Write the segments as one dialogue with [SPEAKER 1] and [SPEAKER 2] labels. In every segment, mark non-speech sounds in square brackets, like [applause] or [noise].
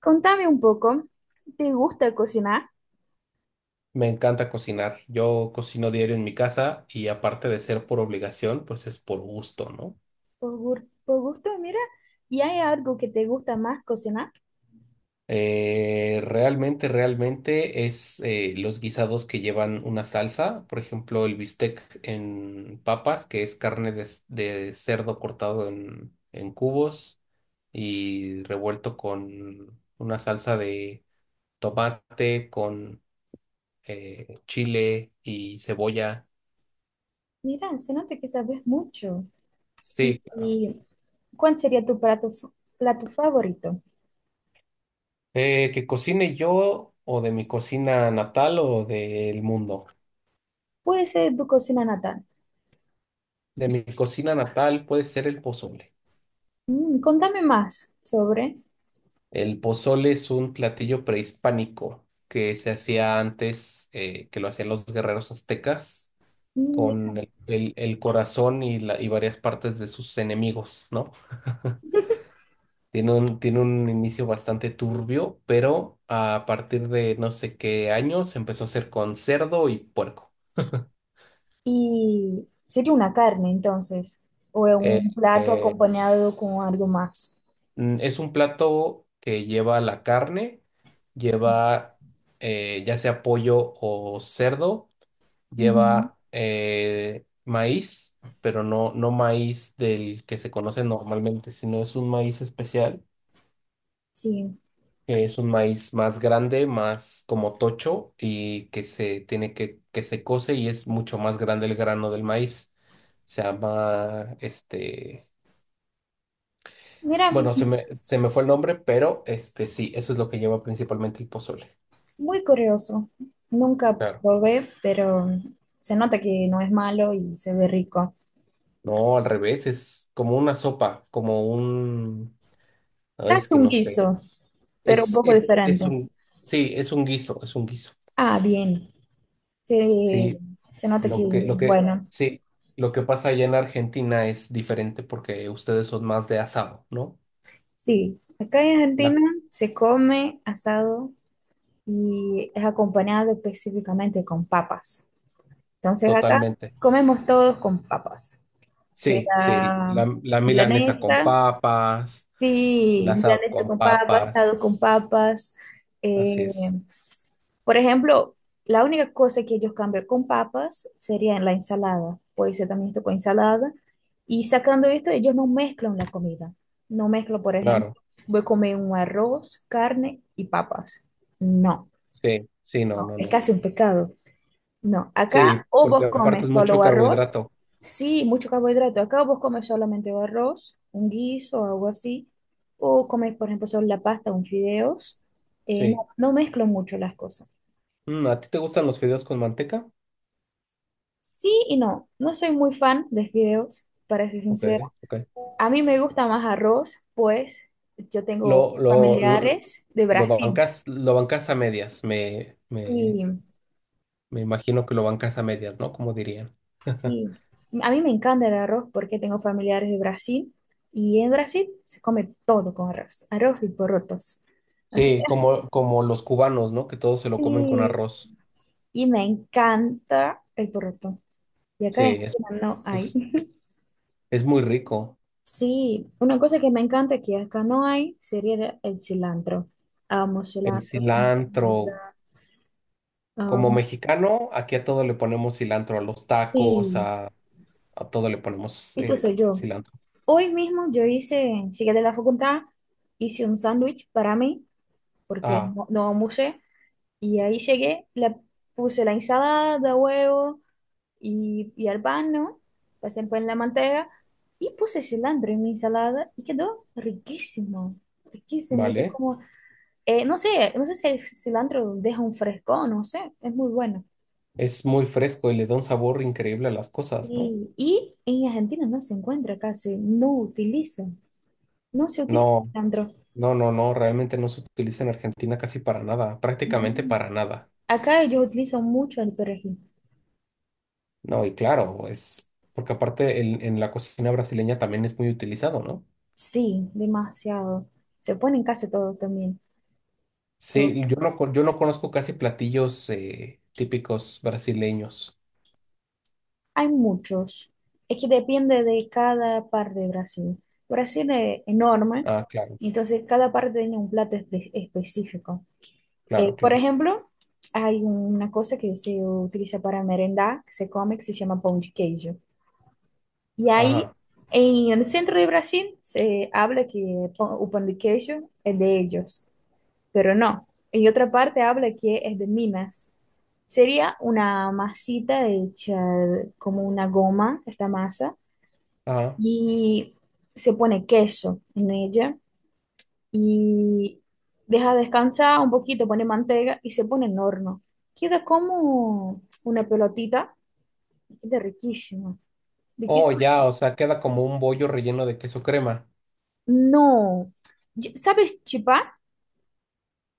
[SPEAKER 1] Contame un poco, ¿te gusta cocinar?
[SPEAKER 2] Me encanta cocinar. Yo cocino diario en mi casa y aparte de ser por obligación, pues es por gusto, ¿no?
[SPEAKER 1] Por gusto, mira, ¿y hay algo que te gusta más cocinar?
[SPEAKER 2] Realmente es los guisados que llevan una salsa, por ejemplo, el bistec en papas, que es carne de cerdo cortado en cubos y revuelto con una salsa de tomate, con chile y cebolla.
[SPEAKER 1] Mira, se nota que sabes mucho. ¿Y,
[SPEAKER 2] Sí, claro.
[SPEAKER 1] y cuál sería tu plato favorito?
[SPEAKER 2] Que cocine yo o de mi cocina natal o del mundo.
[SPEAKER 1] Puede ser tu cocina natal.
[SPEAKER 2] De mi cocina natal puede ser el pozole.
[SPEAKER 1] Mm, contame más sobre.
[SPEAKER 2] El pozole es un platillo prehispánico que se hacía antes, que lo hacían los guerreros aztecas
[SPEAKER 1] Y,
[SPEAKER 2] con el corazón y varias partes de sus enemigos, ¿no? Tiene un inicio bastante turbio, pero a partir de no sé qué años empezó a hacer con cerdo y puerco.
[SPEAKER 1] y sería una carne entonces, o
[SPEAKER 2] Eh,
[SPEAKER 1] un plato
[SPEAKER 2] eh,
[SPEAKER 1] acompañado con algo más.
[SPEAKER 2] Es un plato que lleva la carne,
[SPEAKER 1] Sí.
[SPEAKER 2] lleva ya sea pollo o cerdo,
[SPEAKER 1] Ujú,
[SPEAKER 2] lleva maíz, pero no maíz del que se conoce normalmente, sino es un maíz especial,
[SPEAKER 1] sí.
[SPEAKER 2] que es un maíz más grande, más como tocho y que que se cose y es mucho más grande el grano del maíz. Se llama este.
[SPEAKER 1] Mira.
[SPEAKER 2] Bueno, se me fue el nombre, pero este sí, eso es lo que lleva principalmente el pozole.
[SPEAKER 1] Muy curioso. Nunca
[SPEAKER 2] Claro.
[SPEAKER 1] probé, pero se nota que no es malo y se ve rico.
[SPEAKER 2] No, al revés, es como una sopa, como un... Ay, es
[SPEAKER 1] Casi
[SPEAKER 2] que
[SPEAKER 1] un
[SPEAKER 2] no sé.
[SPEAKER 1] guiso, pero un poco diferente.
[SPEAKER 2] Es un... Sí, es un guiso, es un guiso.
[SPEAKER 1] Ah, bien. Se,
[SPEAKER 2] Sí,
[SPEAKER 1] Se nota que, bueno,
[SPEAKER 2] sí, lo que pasa allá en Argentina es diferente porque ustedes son más de asado, ¿no?
[SPEAKER 1] sí. Acá en
[SPEAKER 2] La,
[SPEAKER 1] Argentina se come asado y es acompañado específicamente con papas. Entonces acá
[SPEAKER 2] totalmente.
[SPEAKER 1] comemos todos con papas.
[SPEAKER 2] Sí, sí,
[SPEAKER 1] Sea
[SPEAKER 2] la milanesa con
[SPEAKER 1] milanesa.
[SPEAKER 2] papas, el
[SPEAKER 1] Sí,
[SPEAKER 2] asado
[SPEAKER 1] milanesa
[SPEAKER 2] con
[SPEAKER 1] con papas,
[SPEAKER 2] papas,
[SPEAKER 1] asado con papas.
[SPEAKER 2] así
[SPEAKER 1] eh,
[SPEAKER 2] es.
[SPEAKER 1] por ejemplo, la única cosa que ellos cambian con papas sería en la ensalada. Puede ser también esto con ensalada. Y sacando esto, ellos no mezclan la comida. No mezclan, por
[SPEAKER 2] Claro.
[SPEAKER 1] ejemplo, voy a comer un arroz, carne y papas. No,
[SPEAKER 2] Sí, sí, no,
[SPEAKER 1] no,
[SPEAKER 2] no,
[SPEAKER 1] es
[SPEAKER 2] no.
[SPEAKER 1] casi un pecado. No, acá
[SPEAKER 2] Sí,
[SPEAKER 1] o
[SPEAKER 2] porque
[SPEAKER 1] vos
[SPEAKER 2] aparte
[SPEAKER 1] comes
[SPEAKER 2] es mucho
[SPEAKER 1] solo arroz,
[SPEAKER 2] carbohidrato.
[SPEAKER 1] sí, mucho carbohidrato, acá o vos comes solamente o arroz, un guiso o algo así, o comes, por ejemplo, solo la pasta, un fideos.
[SPEAKER 2] Sí.
[SPEAKER 1] No mezclo mucho las cosas.
[SPEAKER 2] Mm, ¿a ti te gustan los fideos con manteca?
[SPEAKER 1] Sí y no, no soy muy fan de fideos, para ser
[SPEAKER 2] Ok,
[SPEAKER 1] sincera.
[SPEAKER 2] ok.
[SPEAKER 1] A mí me gusta más arroz, pues yo tengo
[SPEAKER 2] Lo, lo, lo,
[SPEAKER 1] familiares de Brasil.
[SPEAKER 2] lo bancas a medias.
[SPEAKER 1] Sí,
[SPEAKER 2] Me imagino que lo bancas a medias, ¿no? Como dirían. [laughs]
[SPEAKER 1] sí. A mí me encanta el arroz porque tengo familiares de Brasil y en Brasil se come todo con arroz, arroz y porotos. Así
[SPEAKER 2] Sí,
[SPEAKER 1] que
[SPEAKER 2] como, como los cubanos, ¿no? Que todos se lo comen con
[SPEAKER 1] sí,
[SPEAKER 2] arroz.
[SPEAKER 1] y me encanta el poroto. Y acá
[SPEAKER 2] Sí,
[SPEAKER 1] en Argentina no hay.
[SPEAKER 2] es, es muy rico.
[SPEAKER 1] Sí, una cosa que me encanta que acá no hay sería el cilantro. Amo
[SPEAKER 2] El
[SPEAKER 1] cilantro con
[SPEAKER 2] cilantro.
[SPEAKER 1] vida.
[SPEAKER 2] Como
[SPEAKER 1] Am,
[SPEAKER 2] mexicano, aquí a todo le ponemos cilantro, a los tacos,
[SPEAKER 1] sí,
[SPEAKER 2] a todo le ponemos
[SPEAKER 1] esto soy yo.
[SPEAKER 2] cilantro.
[SPEAKER 1] Hoy mismo yo llegué de la facultad, hice un sándwich para mí porque
[SPEAKER 2] Ah,
[SPEAKER 1] no almorcé. Y ahí llegué, le puse la ensalada, huevo y al pan, ¿no? Pasé el pan en la manteca y puse cilantro en mi ensalada y quedó riquísimo, riquísimo. Yo
[SPEAKER 2] vale.
[SPEAKER 1] como, no sé si el cilantro deja un fresco, no sé, es muy bueno.
[SPEAKER 2] Es muy fresco y le da un sabor increíble a las cosas, ¿no?
[SPEAKER 1] Y en Argentina no se encuentra casi, no se utiliza
[SPEAKER 2] No,
[SPEAKER 1] cilantro.
[SPEAKER 2] no, no, no, realmente no se utiliza en Argentina casi para nada,
[SPEAKER 1] No.
[SPEAKER 2] prácticamente para nada.
[SPEAKER 1] Acá ellos utilizan mucho el perejil.
[SPEAKER 2] No, y claro, es porque aparte en la cocina brasileña también es muy utilizado, ¿no?
[SPEAKER 1] Sí, demasiado. Se pone en casi todo también.
[SPEAKER 2] Sí, yo no conozco casi platillos típicos brasileños.
[SPEAKER 1] Hay muchos. Es que depende de cada parte de Brasil. Brasil es enorme,
[SPEAKER 2] Ah, claro,
[SPEAKER 1] entonces cada parte tiene un específico.
[SPEAKER 2] claro,
[SPEAKER 1] Por
[SPEAKER 2] claro.
[SPEAKER 1] ejemplo, hay una cosa que se utiliza para merendar, que se come, que se llama pão de queijo. Y ahí,
[SPEAKER 2] Ajá,
[SPEAKER 1] en el centro de Brasil, se habla que pão- o pão de queijo es de ellos, pero no. En otra parte habla que es de Minas. Sería una masita hecha como una goma, esta masa
[SPEAKER 2] ajá.
[SPEAKER 1] y se pone queso en ella y deja descansar un poquito, pone manteca y se pone en horno. Queda como una pelotita, queda riquísimo.
[SPEAKER 2] Oh,
[SPEAKER 1] Riquísimo.
[SPEAKER 2] ya, o sea, queda como un bollo relleno de queso crema,
[SPEAKER 1] No, ¿sabes chipá?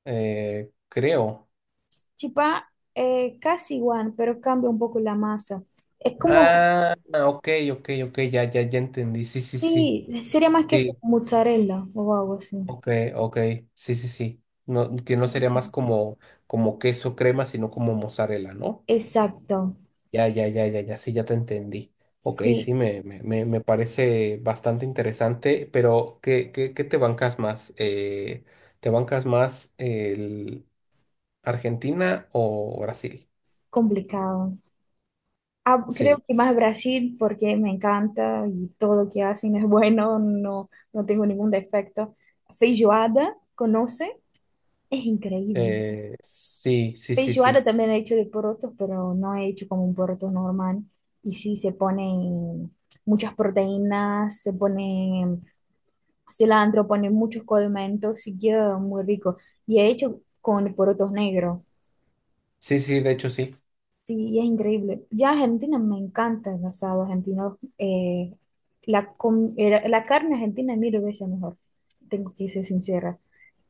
[SPEAKER 2] creo.
[SPEAKER 1] Chipá casi igual, pero cambia un poco la masa. Es como,
[SPEAKER 2] Ah, ok, ok, ok, ya, ya, ya entendí. Sí, sí, sí.
[SPEAKER 1] sí, sería más queso
[SPEAKER 2] Sí,
[SPEAKER 1] con mozzarella o algo así.
[SPEAKER 2] ok, ok. Sí, sí, sí. No, que no
[SPEAKER 1] Sí.
[SPEAKER 2] sería más como, como queso crema, sino como mozzarella, ¿no?
[SPEAKER 1] Exacto,
[SPEAKER 2] Ya, ya, ya, ya, ya, sí, ya te entendí. Ok,
[SPEAKER 1] sí,
[SPEAKER 2] sí, me parece bastante interesante, pero qué te bancas más? ¿Te bancas más el Argentina o Brasil?
[SPEAKER 1] complicado. Ah, creo
[SPEAKER 2] Sí,
[SPEAKER 1] que más Brasil porque me encanta y todo lo que hacen es [laughs] bueno, no, no tengo ningún defecto. Feijoada, ¿conoce? Es increíble.
[SPEAKER 2] sí, sí, sí,
[SPEAKER 1] Feijoada
[SPEAKER 2] sí.
[SPEAKER 1] también he hecho de porotos, pero no he hecho como un poroto normal. Y sí, se ponen muchas proteínas, se pone cilantro, pone muchos condimentos y queda muy rico. Y he hecho con porotos negros.
[SPEAKER 2] Sí, sí, de hecho, sí,
[SPEAKER 1] Sí, es increíble. Ya Argentina me encanta el asado argentino. La carne argentina es mil veces mejor, tengo que ser sincera.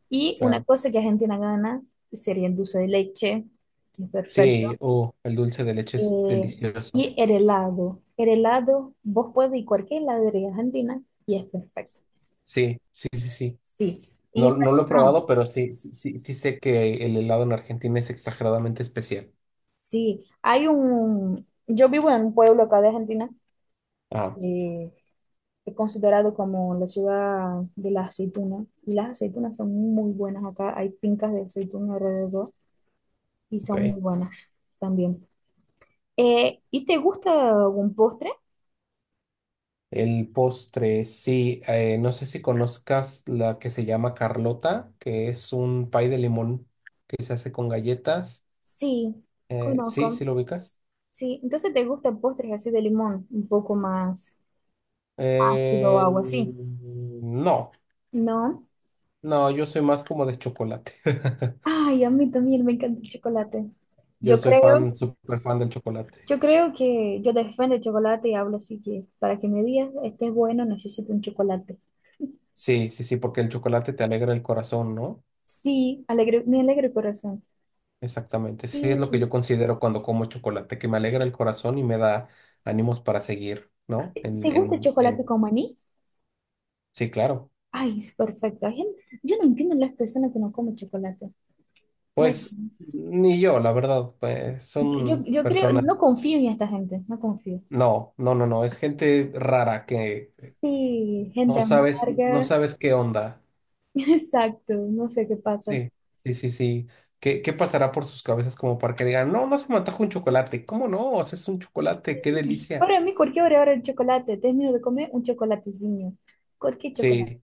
[SPEAKER 1] Y una
[SPEAKER 2] claro.
[SPEAKER 1] cosa que Argentina gana sería el dulce de leche, que es perfecto.
[SPEAKER 2] Sí, oh, el dulce de leche es
[SPEAKER 1] eh,
[SPEAKER 2] delicioso.
[SPEAKER 1] y el helado. El helado, vos puedes ir a cualquier heladería argentina y es perfecto.
[SPEAKER 2] Sí, sí, sí, sí.
[SPEAKER 1] Sí, y
[SPEAKER 2] No, no lo he
[SPEAKER 1] impresionó.
[SPEAKER 2] probado, pero sí, sí, sí, sí sé que el helado en Argentina es exageradamente especial.
[SPEAKER 1] Sí, hay un... Yo vivo en un pueblo acá de Argentina.
[SPEAKER 2] Ah,
[SPEAKER 1] eh, es considerado como la ciudad de las aceitunas. Y las aceitunas son muy buenas acá. Hay fincas de aceituna alrededor y
[SPEAKER 2] ok.
[SPEAKER 1] son muy buenas también. ¿Y te gusta algún postre?
[SPEAKER 2] El postre, sí. No sé si conozcas la que se llama Carlota, que es un pay de limón que se hace con galletas.
[SPEAKER 1] Sí,
[SPEAKER 2] Sí, sí
[SPEAKER 1] conozco.
[SPEAKER 2] lo ubicas.
[SPEAKER 1] Sí, entonces te gustan postres así de limón, un poco más ácido o algo así.
[SPEAKER 2] No,
[SPEAKER 1] No.
[SPEAKER 2] no, yo soy más como de chocolate. [laughs]
[SPEAKER 1] Ay, a mí también me encanta el chocolate.
[SPEAKER 2] Yo
[SPEAKER 1] Yo
[SPEAKER 2] soy
[SPEAKER 1] creo,
[SPEAKER 2] fan, súper fan del chocolate.
[SPEAKER 1] yo creo que yo defiendo el chocolate y hablo así que para que me digas esté bueno necesito un chocolate.
[SPEAKER 2] Sí, sí, sí, porque el chocolate te alegra el corazón, ¿no?
[SPEAKER 1] Sí, alegre, mi alegre corazón.
[SPEAKER 2] Exactamente. Sí, es lo que yo
[SPEAKER 1] Sí.
[SPEAKER 2] considero cuando como chocolate, que me alegra el corazón y me da ánimos para seguir, ¿no?
[SPEAKER 1] ¿Te gusta el chocolate
[SPEAKER 2] En...
[SPEAKER 1] con maní?
[SPEAKER 2] Sí, claro.
[SPEAKER 1] Ay, es perfecto. Yo no entiendo las personas que no comen chocolate. No hay-
[SPEAKER 2] Pues ni yo, la verdad, pues son
[SPEAKER 1] yo creo, no
[SPEAKER 2] personas.
[SPEAKER 1] confío en esta gente, no confío.
[SPEAKER 2] No, no, no, no, es gente rara que
[SPEAKER 1] Sí, gente
[SPEAKER 2] no sabes, no
[SPEAKER 1] amarga,
[SPEAKER 2] sabes qué onda.
[SPEAKER 1] [laughs] exacto, no sé qué pasa.
[SPEAKER 2] Sí, sí, sí, sí. Qué pasará por sus cabezas como para que digan, no, no se me antoja un chocolate? ¿Cómo no? Haces un chocolate, qué delicia.
[SPEAKER 1] Para mí, cualquier hora, hora el chocolate, termino de comer un chocolatecillo. Cualquier chocolate.
[SPEAKER 2] Sí.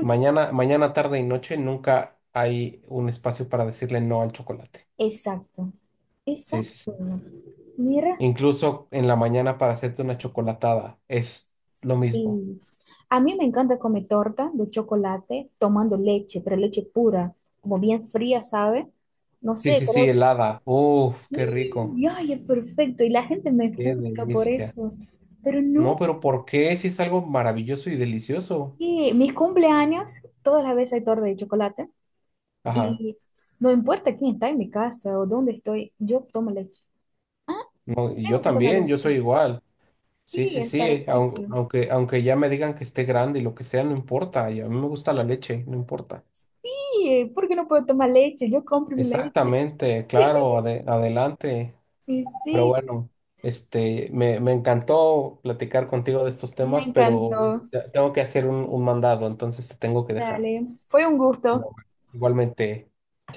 [SPEAKER 2] Mañana, mañana, tarde y noche nunca hay un espacio para decirle no al chocolate.
[SPEAKER 1] Exacto,
[SPEAKER 2] Sí, sí,
[SPEAKER 1] exacto.
[SPEAKER 2] sí.
[SPEAKER 1] Mira.
[SPEAKER 2] Incluso en la mañana para hacerte una chocolatada es lo mismo.
[SPEAKER 1] Y a mí me encanta comer torta de chocolate tomando leche, pero leche pura, como bien fría, ¿sabe? No
[SPEAKER 2] Sí,
[SPEAKER 1] sé,
[SPEAKER 2] sí, sí,
[SPEAKER 1] pero
[SPEAKER 2] helada. Uf, qué rico.
[SPEAKER 1] ¡y! ¡Ay, es perfecto! Y la gente me
[SPEAKER 2] Qué
[SPEAKER 1] juzga por
[SPEAKER 2] delicia.
[SPEAKER 1] eso. Pero
[SPEAKER 2] No,
[SPEAKER 1] no,
[SPEAKER 2] pero ¿por qué? Si es algo maravilloso y delicioso.
[SPEAKER 1] que mis cumpleaños, todas las veces hay torta de chocolate.
[SPEAKER 2] Ajá.
[SPEAKER 1] Y no importa quién está en mi casa o dónde estoy, yo tomo leche. Ah,
[SPEAKER 2] No, y yo
[SPEAKER 1] tengo que tomar
[SPEAKER 2] también, yo
[SPEAKER 1] leche.
[SPEAKER 2] soy igual. Sí,
[SPEAKER 1] Sí,
[SPEAKER 2] sí,
[SPEAKER 1] es
[SPEAKER 2] sí.
[SPEAKER 1] perfecto.
[SPEAKER 2] Aunque, aunque ya me digan que esté grande y lo que sea, no importa. Y a mí me gusta la leche, no importa.
[SPEAKER 1] Sí, ¿por qué no puedo tomar leche? Yo compro mi leche.
[SPEAKER 2] Exactamente, claro, adelante.
[SPEAKER 1] Y
[SPEAKER 2] Pero
[SPEAKER 1] sí,
[SPEAKER 2] bueno, este, me encantó platicar contigo de estos
[SPEAKER 1] me
[SPEAKER 2] temas, pero
[SPEAKER 1] encantó.
[SPEAKER 2] tengo que hacer un mandado, entonces te tengo que dejar.
[SPEAKER 1] Dale, fue un
[SPEAKER 2] Pero
[SPEAKER 1] gusto.
[SPEAKER 2] bueno, igualmente,